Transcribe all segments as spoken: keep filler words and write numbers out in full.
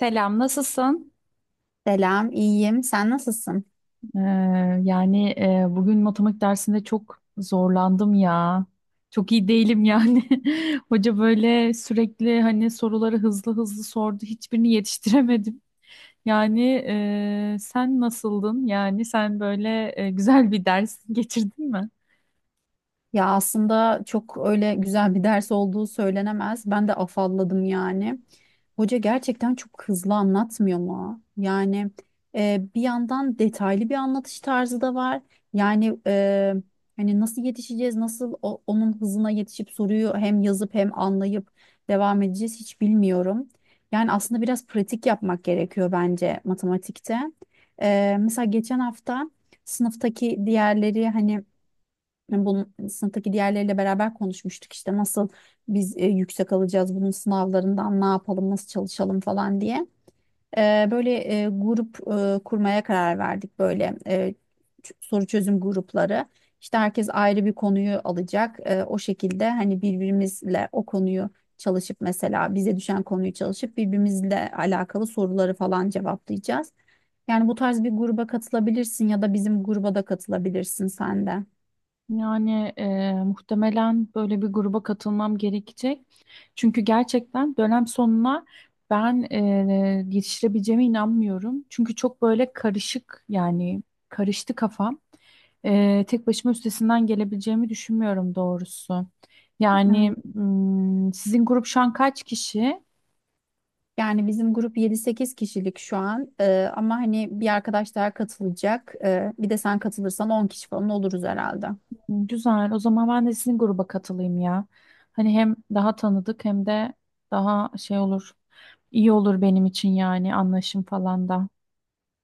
Selam, nasılsın? Selam, iyiyim. Sen nasılsın? Ee, yani e, bugün matematik dersinde çok zorlandım ya. Çok iyi değilim yani. Hoca böyle sürekli hani soruları hızlı hızlı sordu. Hiçbirini yetiştiremedim. Yani e, sen nasıldın? Yani sen böyle e, güzel bir ders geçirdin mi? Ya aslında çok öyle güzel bir ders olduğu söylenemez. Ben de afalladım yani. Hoca gerçekten çok hızlı anlatmıyor mu? Yani e, bir yandan detaylı bir anlatış tarzı da var. Yani e, hani nasıl yetişeceğiz, nasıl o- onun hızına yetişip soruyu hem yazıp hem anlayıp devam edeceğiz hiç bilmiyorum. Yani aslında biraz pratik yapmak gerekiyor bence matematikte. E, mesela geçen hafta sınıftaki diğerleri hani Hani bunun sınıftaki diğerleriyle beraber konuşmuştuk işte nasıl biz e, yüksek alacağız bunun sınavlarından ne yapalım nasıl çalışalım falan diye. E, böyle e, grup e, kurmaya karar verdik böyle e, ç- soru çözüm grupları. İşte herkes ayrı bir konuyu alacak. E, o şekilde hani birbirimizle o konuyu çalışıp mesela bize düşen konuyu çalışıp birbirimizle alakalı soruları falan cevaplayacağız. Yani bu tarz bir gruba katılabilirsin ya da bizim gruba da katılabilirsin sen de. Yani e, muhtemelen böyle bir gruba katılmam gerekecek. Çünkü gerçekten dönem sonuna ben e, yetiştirebileceğime inanmıyorum. Çünkü çok böyle karışık yani karıştı kafam. E, tek başıma üstesinden gelebileceğimi düşünmüyorum doğrusu. Yani Evet. mm, sizin grup şu an kaç kişi? Yani bizim grup yedi sekiz kişilik şu an. Ee, ama hani bir arkadaş daha katılacak. Ee, bir de sen katılırsan on kişi falan oluruz herhalde. Güzel. O zaman ben de sizin gruba katılayım ya. Hani hem daha tanıdık hem de daha şey olur. İyi olur benim için yani anlaşım falan da.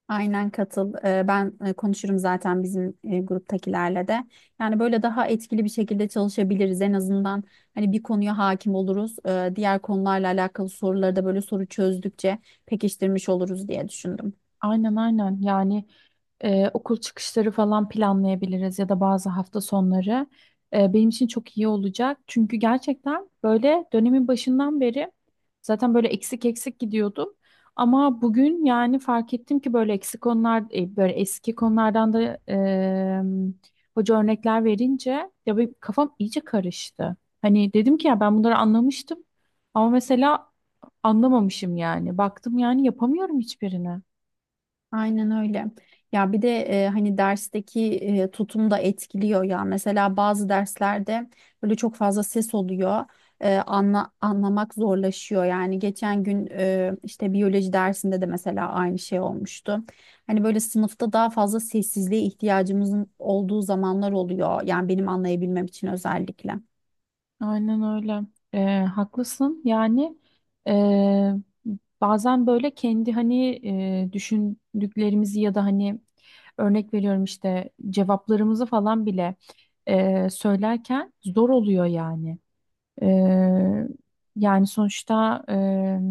Aynen katıl. Ee, ben e, konuşurum zaten bizim e, gruptakilerle de. Yani böyle daha etkili bir şekilde çalışabiliriz. En azından hani bir konuya hakim oluruz. Ee, diğer konularla alakalı soruları da böyle soru çözdükçe pekiştirmiş oluruz diye düşündüm. Aynen aynen. Yani Ee, okul çıkışları falan planlayabiliriz ya da bazı hafta sonları. Ee, benim için çok iyi olacak. Çünkü gerçekten böyle dönemin başından beri zaten böyle eksik eksik gidiyordum. Ama bugün yani fark ettim ki böyle eksik konular, e, böyle eski konulardan da e, hoca örnekler verince ya benim kafam iyice karıştı. Hani dedim ki ya ben bunları anlamıştım ama mesela anlamamışım yani. Baktım yani yapamıyorum hiçbirini. Aynen öyle. Ya bir de e, hani dersteki e, tutum da etkiliyor ya. Mesela bazı derslerde böyle çok fazla ses oluyor. E, anla, anlamak zorlaşıyor. Yani geçen gün e, işte biyoloji dersinde de mesela aynı şey olmuştu. Hani böyle sınıfta daha fazla sessizliğe ihtiyacımızın olduğu zamanlar oluyor. Yani benim anlayabilmem için özellikle. Aynen öyle. Ee, haklısın. Yani e, bazen böyle kendi hani e, düşündüklerimizi ya da hani örnek veriyorum işte cevaplarımızı falan bile e, söylerken zor oluyor yani. Eee, Yani sonuçta eee,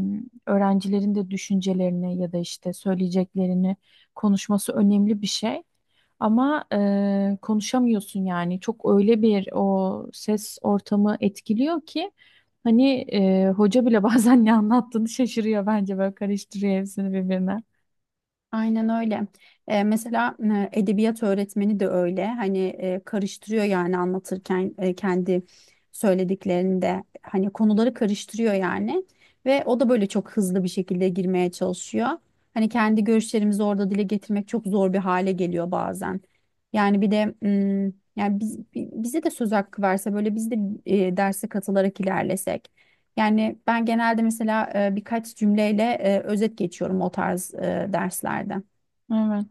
öğrencilerin de düşüncelerini ya da işte söyleyeceklerini konuşması önemli bir şey. Ama eee, konuşamıyorsun yani çok öyle bir o ses ortamı etkiliyor ki hani eee, hoca bile bazen ne anlattığını şaşırıyor bence böyle karıştırıyor hepsini birbirine. Aynen öyle. Eee, mesela e, edebiyat öğretmeni de öyle. Hani e, karıştırıyor yani anlatırken e, kendi söylediklerinde hani konuları karıştırıyor yani ve o da böyle çok hızlı bir şekilde girmeye çalışıyor. Hani kendi görüşlerimizi orada dile getirmek çok zor bir hale geliyor bazen. Yani bir de mm, yani biz, bi- bize de söz hakkı verse böyle biz de e, derse katılarak ilerlesek. Yani ben genelde mesela e, birkaç cümleyle e, özet geçiyorum o tarz e, derslerde. Evet.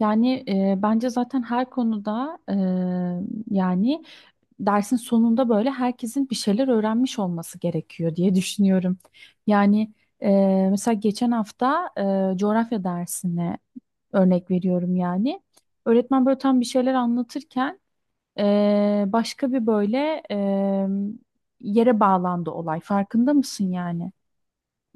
Yani e, bence zaten her konuda e, yani dersin sonunda böyle herkesin bir şeyler öğrenmiş olması gerekiyor diye düşünüyorum. Yani e, mesela geçen hafta e, coğrafya dersine örnek veriyorum yani. Öğretmen böyle tam bir şeyler anlatırken e, başka bir böyle e, yere bağlandı olay. Farkında mısın yani?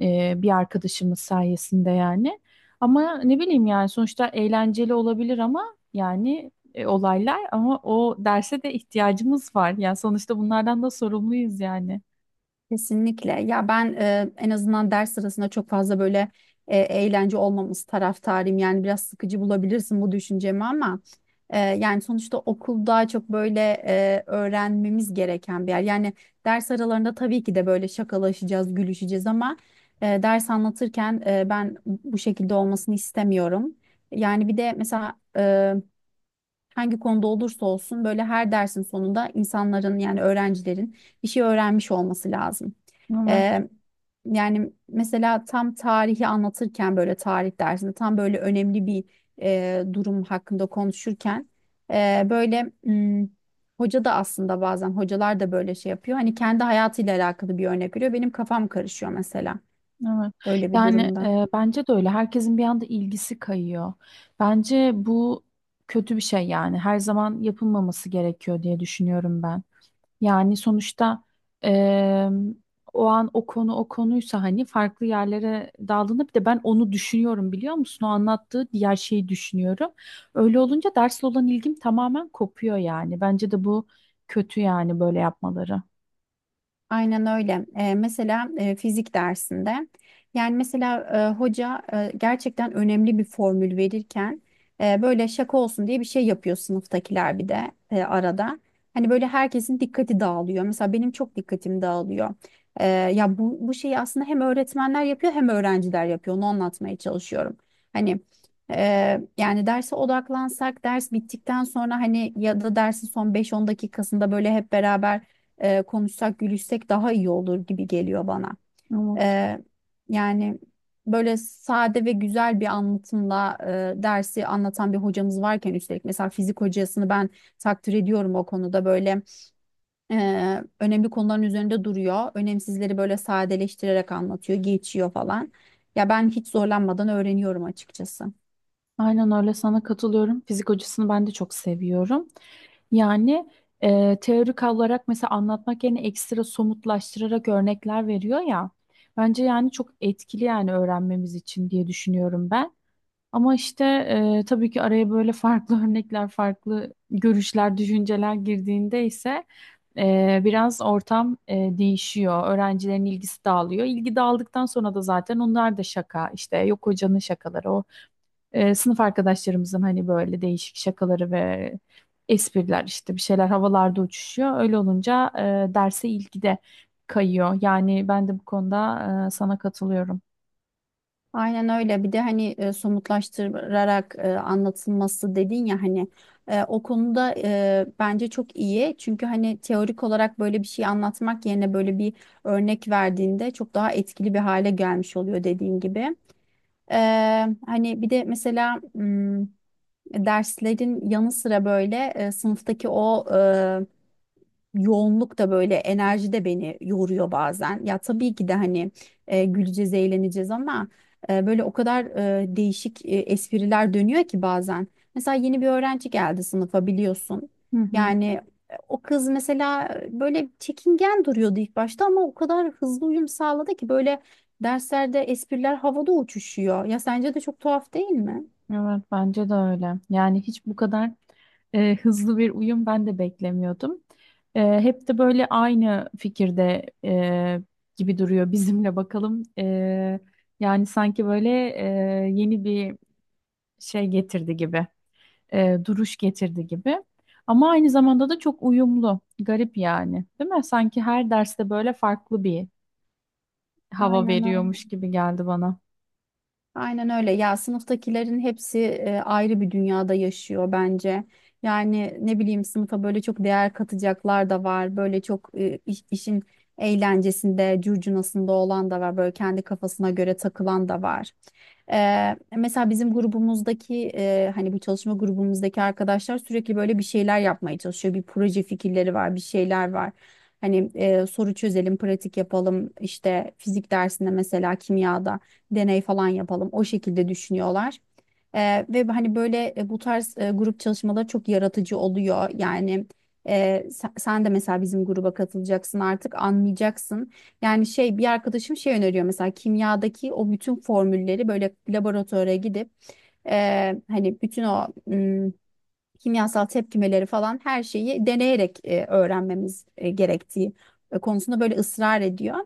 e, Bir arkadaşımız sayesinde yani. Ama ne bileyim yani sonuçta eğlenceli olabilir ama yani e, olaylar ama o derse de ihtiyacımız var. Yani sonuçta bunlardan da sorumluyuz yani. Kesinlikle. Ya ben e, en azından ders sırasında çok fazla böyle e, eğlence olmaması taraftarıyım. Yani biraz sıkıcı bulabilirsin bu düşüncemi ama e, yani sonuçta okulda çok böyle e, öğrenmemiz gereken bir yer. Yani ders aralarında tabii ki de böyle şakalaşacağız, gülüşeceğiz ama e, ders anlatırken e, ben bu şekilde olmasını istemiyorum. Yani bir de mesela hangi konuda olursa olsun böyle her dersin sonunda insanların yani öğrencilerin bir şey öğrenmiş olması lazım. Evet, Ee, Yani mesela tam tarihi anlatırken böyle tarih dersinde tam böyle önemli bir e, durum hakkında konuşurken e, böyle hmm, hoca da aslında bazen hocalar da böyle şey yapıyor. Hani kendi hayatıyla alakalı bir örnek veriyor. Benim kafam karışıyor mesela. evet. Öyle bir Yani durumda. e, bence de öyle. Herkesin bir anda ilgisi kayıyor. Bence bu kötü bir şey yani. Her zaman yapılmaması gerekiyor diye düşünüyorum ben. Yani sonuçta eee, o an o konu o konuysa hani farklı yerlere daldığında bir de ben onu düşünüyorum biliyor musun? O anlattığı diğer şeyi düşünüyorum. Öyle olunca dersle olan ilgim tamamen kopuyor yani. Bence de bu kötü yani böyle yapmaları. Aynen öyle. Eee, mesela eee, fizik dersinde yani mesela eee, hoca eee, gerçekten önemli bir formül verirken eee, böyle şaka olsun diye bir şey yapıyor sınıftakiler bir de eee, arada. Hani böyle herkesin dikkati dağılıyor. Mesela benim çok dikkatim dağılıyor. Eee, ya bu, bu şeyi aslında hem öğretmenler yapıyor hem öğrenciler yapıyor. Onu anlatmaya çalışıyorum. Hani eee, yani derse odaklansak ders bittikten sonra hani ya da dersin son beş on dakikasında böyle hep beraber e, konuşsak, gülüşsek daha iyi olur gibi geliyor bana. Evet. E, Yani böyle sade ve güzel bir anlatımla e, dersi anlatan bir hocamız varken üstelik mesela fizik hocasını ben takdir ediyorum o konuda böyle e, önemli konuların üzerinde duruyor. Önemsizleri böyle sadeleştirerek anlatıyor, geçiyor falan. Ya ben hiç zorlanmadan öğreniyorum açıkçası. Aynen öyle sana katılıyorum. Fizik hocasını ben de çok seviyorum. Yani e, teorik olarak mesela anlatmak yerine ekstra somutlaştırarak örnekler veriyor ya. Bence yani çok etkili yani öğrenmemiz için diye düşünüyorum ben. Ama işte e, tabii ki araya böyle farklı örnekler, farklı görüşler, düşünceler girdiğinde ise e, biraz ortam e, değişiyor. Öğrencilerin ilgisi dağılıyor. İlgi dağıldıktan sonra da zaten onlar da şaka işte yok hocanın şakaları, e, sınıf arkadaşlarımızın hani böyle değişik şakaları ve espriler işte bir şeyler havalarda uçuşuyor. Öyle olunca e, derse ilgi de kayıyor. Yani ben de bu konuda e, sana katılıyorum. Aynen öyle. Bir de hani e, somutlaştırarak e, anlatılması dedin ya hani e, o konuda e, bence çok iyi. Çünkü hani teorik olarak böyle bir şey anlatmak yerine böyle bir örnek verdiğinde çok daha etkili bir hale gelmiş oluyor dediğin gibi. E, Hani bir de mesela m, derslerin yanı sıra böyle e, sınıftaki o e, yoğunluk da böyle enerji de beni yoruyor bazen. Ya tabii ki de hani e, güleceğiz, eğleneceğiz ama e, böyle o kadar e, değişik e, espriler dönüyor ki bazen. Mesela yeni bir öğrenci geldi sınıfa biliyorsun. Hı hı. Yani e, o kız mesela e, böyle çekingen duruyordu ilk başta ama o kadar hızlı uyum sağladı ki böyle derslerde espriler havada uçuşuyor. Ya sence de çok tuhaf değil mi? Evet bence de öyle. Yani hiç bu kadar e, hızlı bir uyum ben de beklemiyordum. E, hep de böyle aynı fikirde e, gibi duruyor bizimle bakalım. E, yani sanki böyle e, yeni bir şey getirdi gibi. E, duruş getirdi gibi. Ama aynı zamanda da çok uyumlu. Garip yani, değil mi? Sanki her derste böyle farklı bir hava Aynen veriyormuş öyle. gibi geldi bana. Aynen öyle. Ya sınıftakilerin hepsi e, ayrı bir dünyada yaşıyor bence. Yani ne bileyim sınıfa böyle çok değer katacaklar da var. Böyle çok e, iş- işin eğlencesinde, curcunasında olan da var. Böyle kendi kafasına göre takılan da var. Eee, mesela bizim grubumuzdaki eee, hani bu çalışma grubumuzdaki arkadaşlar sürekli böyle bir şeyler yapmaya çalışıyor. Bir proje fikirleri var, bir şeyler var. Hani eee, soru çözelim, pratik yapalım. İşte fizik dersinde mesela kimyada deney falan yapalım. O şekilde düşünüyorlar. Eee, ve hani böyle e, bu tarz e, grup çalışmaları çok yaratıcı oluyor. Yani e, sen, sen de mesela bizim gruba katılacaksın artık anlayacaksın. Yani şey bir arkadaşım şey öneriyor mesela kimyadaki o bütün formülleri böyle laboratuvara gidip e, hani bütün o ım, kimyasal tepkimeleri falan her şeyi deneyerek e, öğrenmemiz e, gerektiği e, konusunda böyle ısrar ediyor.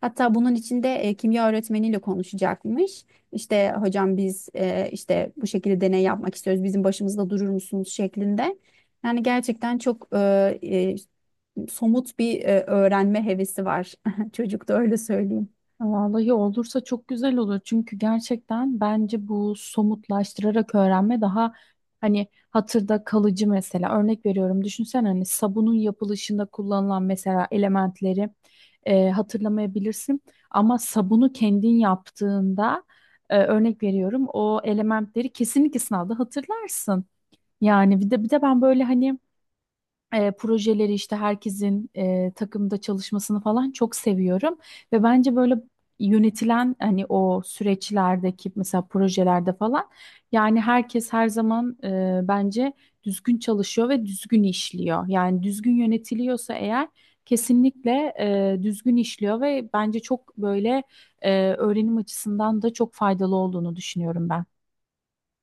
Hatta bunun içinde e, kimya öğretmeniyle konuşacakmış. İşte hocam biz e, işte bu şekilde deney yapmak istiyoruz. Bizim başımızda durur musunuz şeklinde. Yani gerçekten çok e, e, somut bir e, öğrenme hevesi var. Çocukta öyle söyleyeyim. Vallahi olursa çok güzel olur. Çünkü gerçekten bence bu somutlaştırarak öğrenme daha hani hatırda kalıcı mesela. Örnek veriyorum düşünsen hani sabunun yapılışında kullanılan mesela elementleri e, hatırlamayabilirsin. Ama sabunu kendin yaptığında e, örnek veriyorum o elementleri kesinlikle sınavda hatırlarsın. Yani bir de bir de ben böyle hani e, projeleri işte herkesin e, takımda çalışmasını falan çok seviyorum ve bence böyle yönetilen hani o süreçlerdeki mesela projelerde falan yani herkes her zaman e, bence düzgün çalışıyor ve düzgün işliyor. Yani düzgün yönetiliyorsa eğer kesinlikle e, düzgün işliyor ve bence çok böyle e, öğrenim açısından da çok faydalı olduğunu düşünüyorum ben.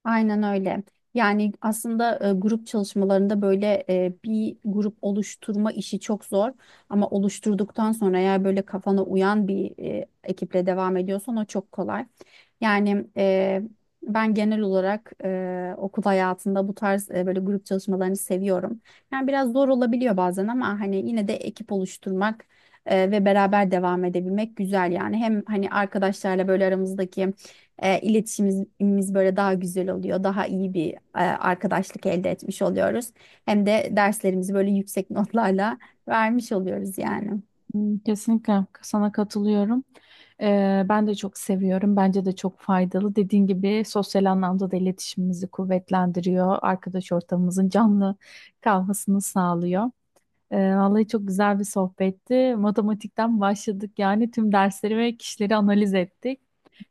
Aynen öyle. Yani aslında e, grup çalışmalarında böyle e, bir grup oluşturma işi çok zor ama oluşturduktan sonra eğer böyle kafana uyan bir e, ekiple devam ediyorsan o çok kolay. Yani e, ben genel olarak e, okul hayatında bu tarz e, böyle grup çalışmalarını seviyorum. Yani biraz zor olabiliyor bazen ama hani yine de ekip oluşturmak e, ve beraber devam edebilmek güzel yani. Hem hani arkadaşlarla böyle aramızdaki e, iletişimimiz böyle daha güzel oluyor. Daha iyi bir e, arkadaşlık elde etmiş oluyoruz. Hem de derslerimizi böyle yüksek notlarla vermiş oluyoruz yani. Hmm, kesinlikle sana katılıyorum. Ee, ben de çok seviyorum. Bence de çok faydalı. Dediğin gibi sosyal anlamda da iletişimimizi kuvvetlendiriyor. Arkadaş ortamımızın canlı kalmasını sağlıyor. Ee, vallahi çok güzel bir sohbetti. Matematikten başladık yani tüm dersleri ve kişileri analiz ettik.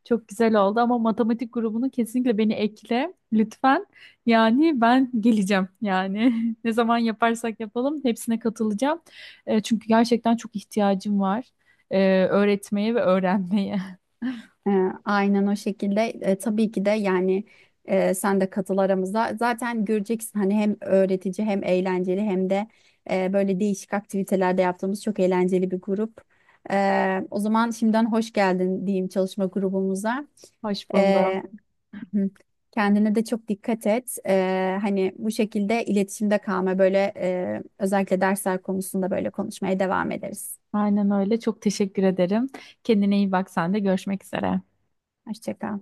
Çok güzel oldu ama matematik grubunu kesinlikle beni ekle lütfen. Yani ben geleceğim yani ne zaman yaparsak yapalım hepsine katılacağım. Ee, çünkü gerçekten çok ihtiyacım var ee, öğretmeye ve öğrenmeye. E, aynen o şekilde. E, tabii ki de yani e, sen de katıl aramıza. Zaten göreceksin hani hem öğretici hem eğlenceli hem de e, böyle değişik aktivitelerde yaptığımız çok eğlenceli bir grup. E, o zaman şimdiden hoş geldin diyeyim çalışma grubumuza. Hoş E, buldum. Hı. Kendine de çok dikkat et. Ee, hani bu şekilde iletişimde kalma böyle e, özellikle dersler konusunda böyle konuşmaya devam ederiz. Aynen öyle. Çok teşekkür ederim. Kendine iyi bak sen de görüşmek üzere. Hoşça kal.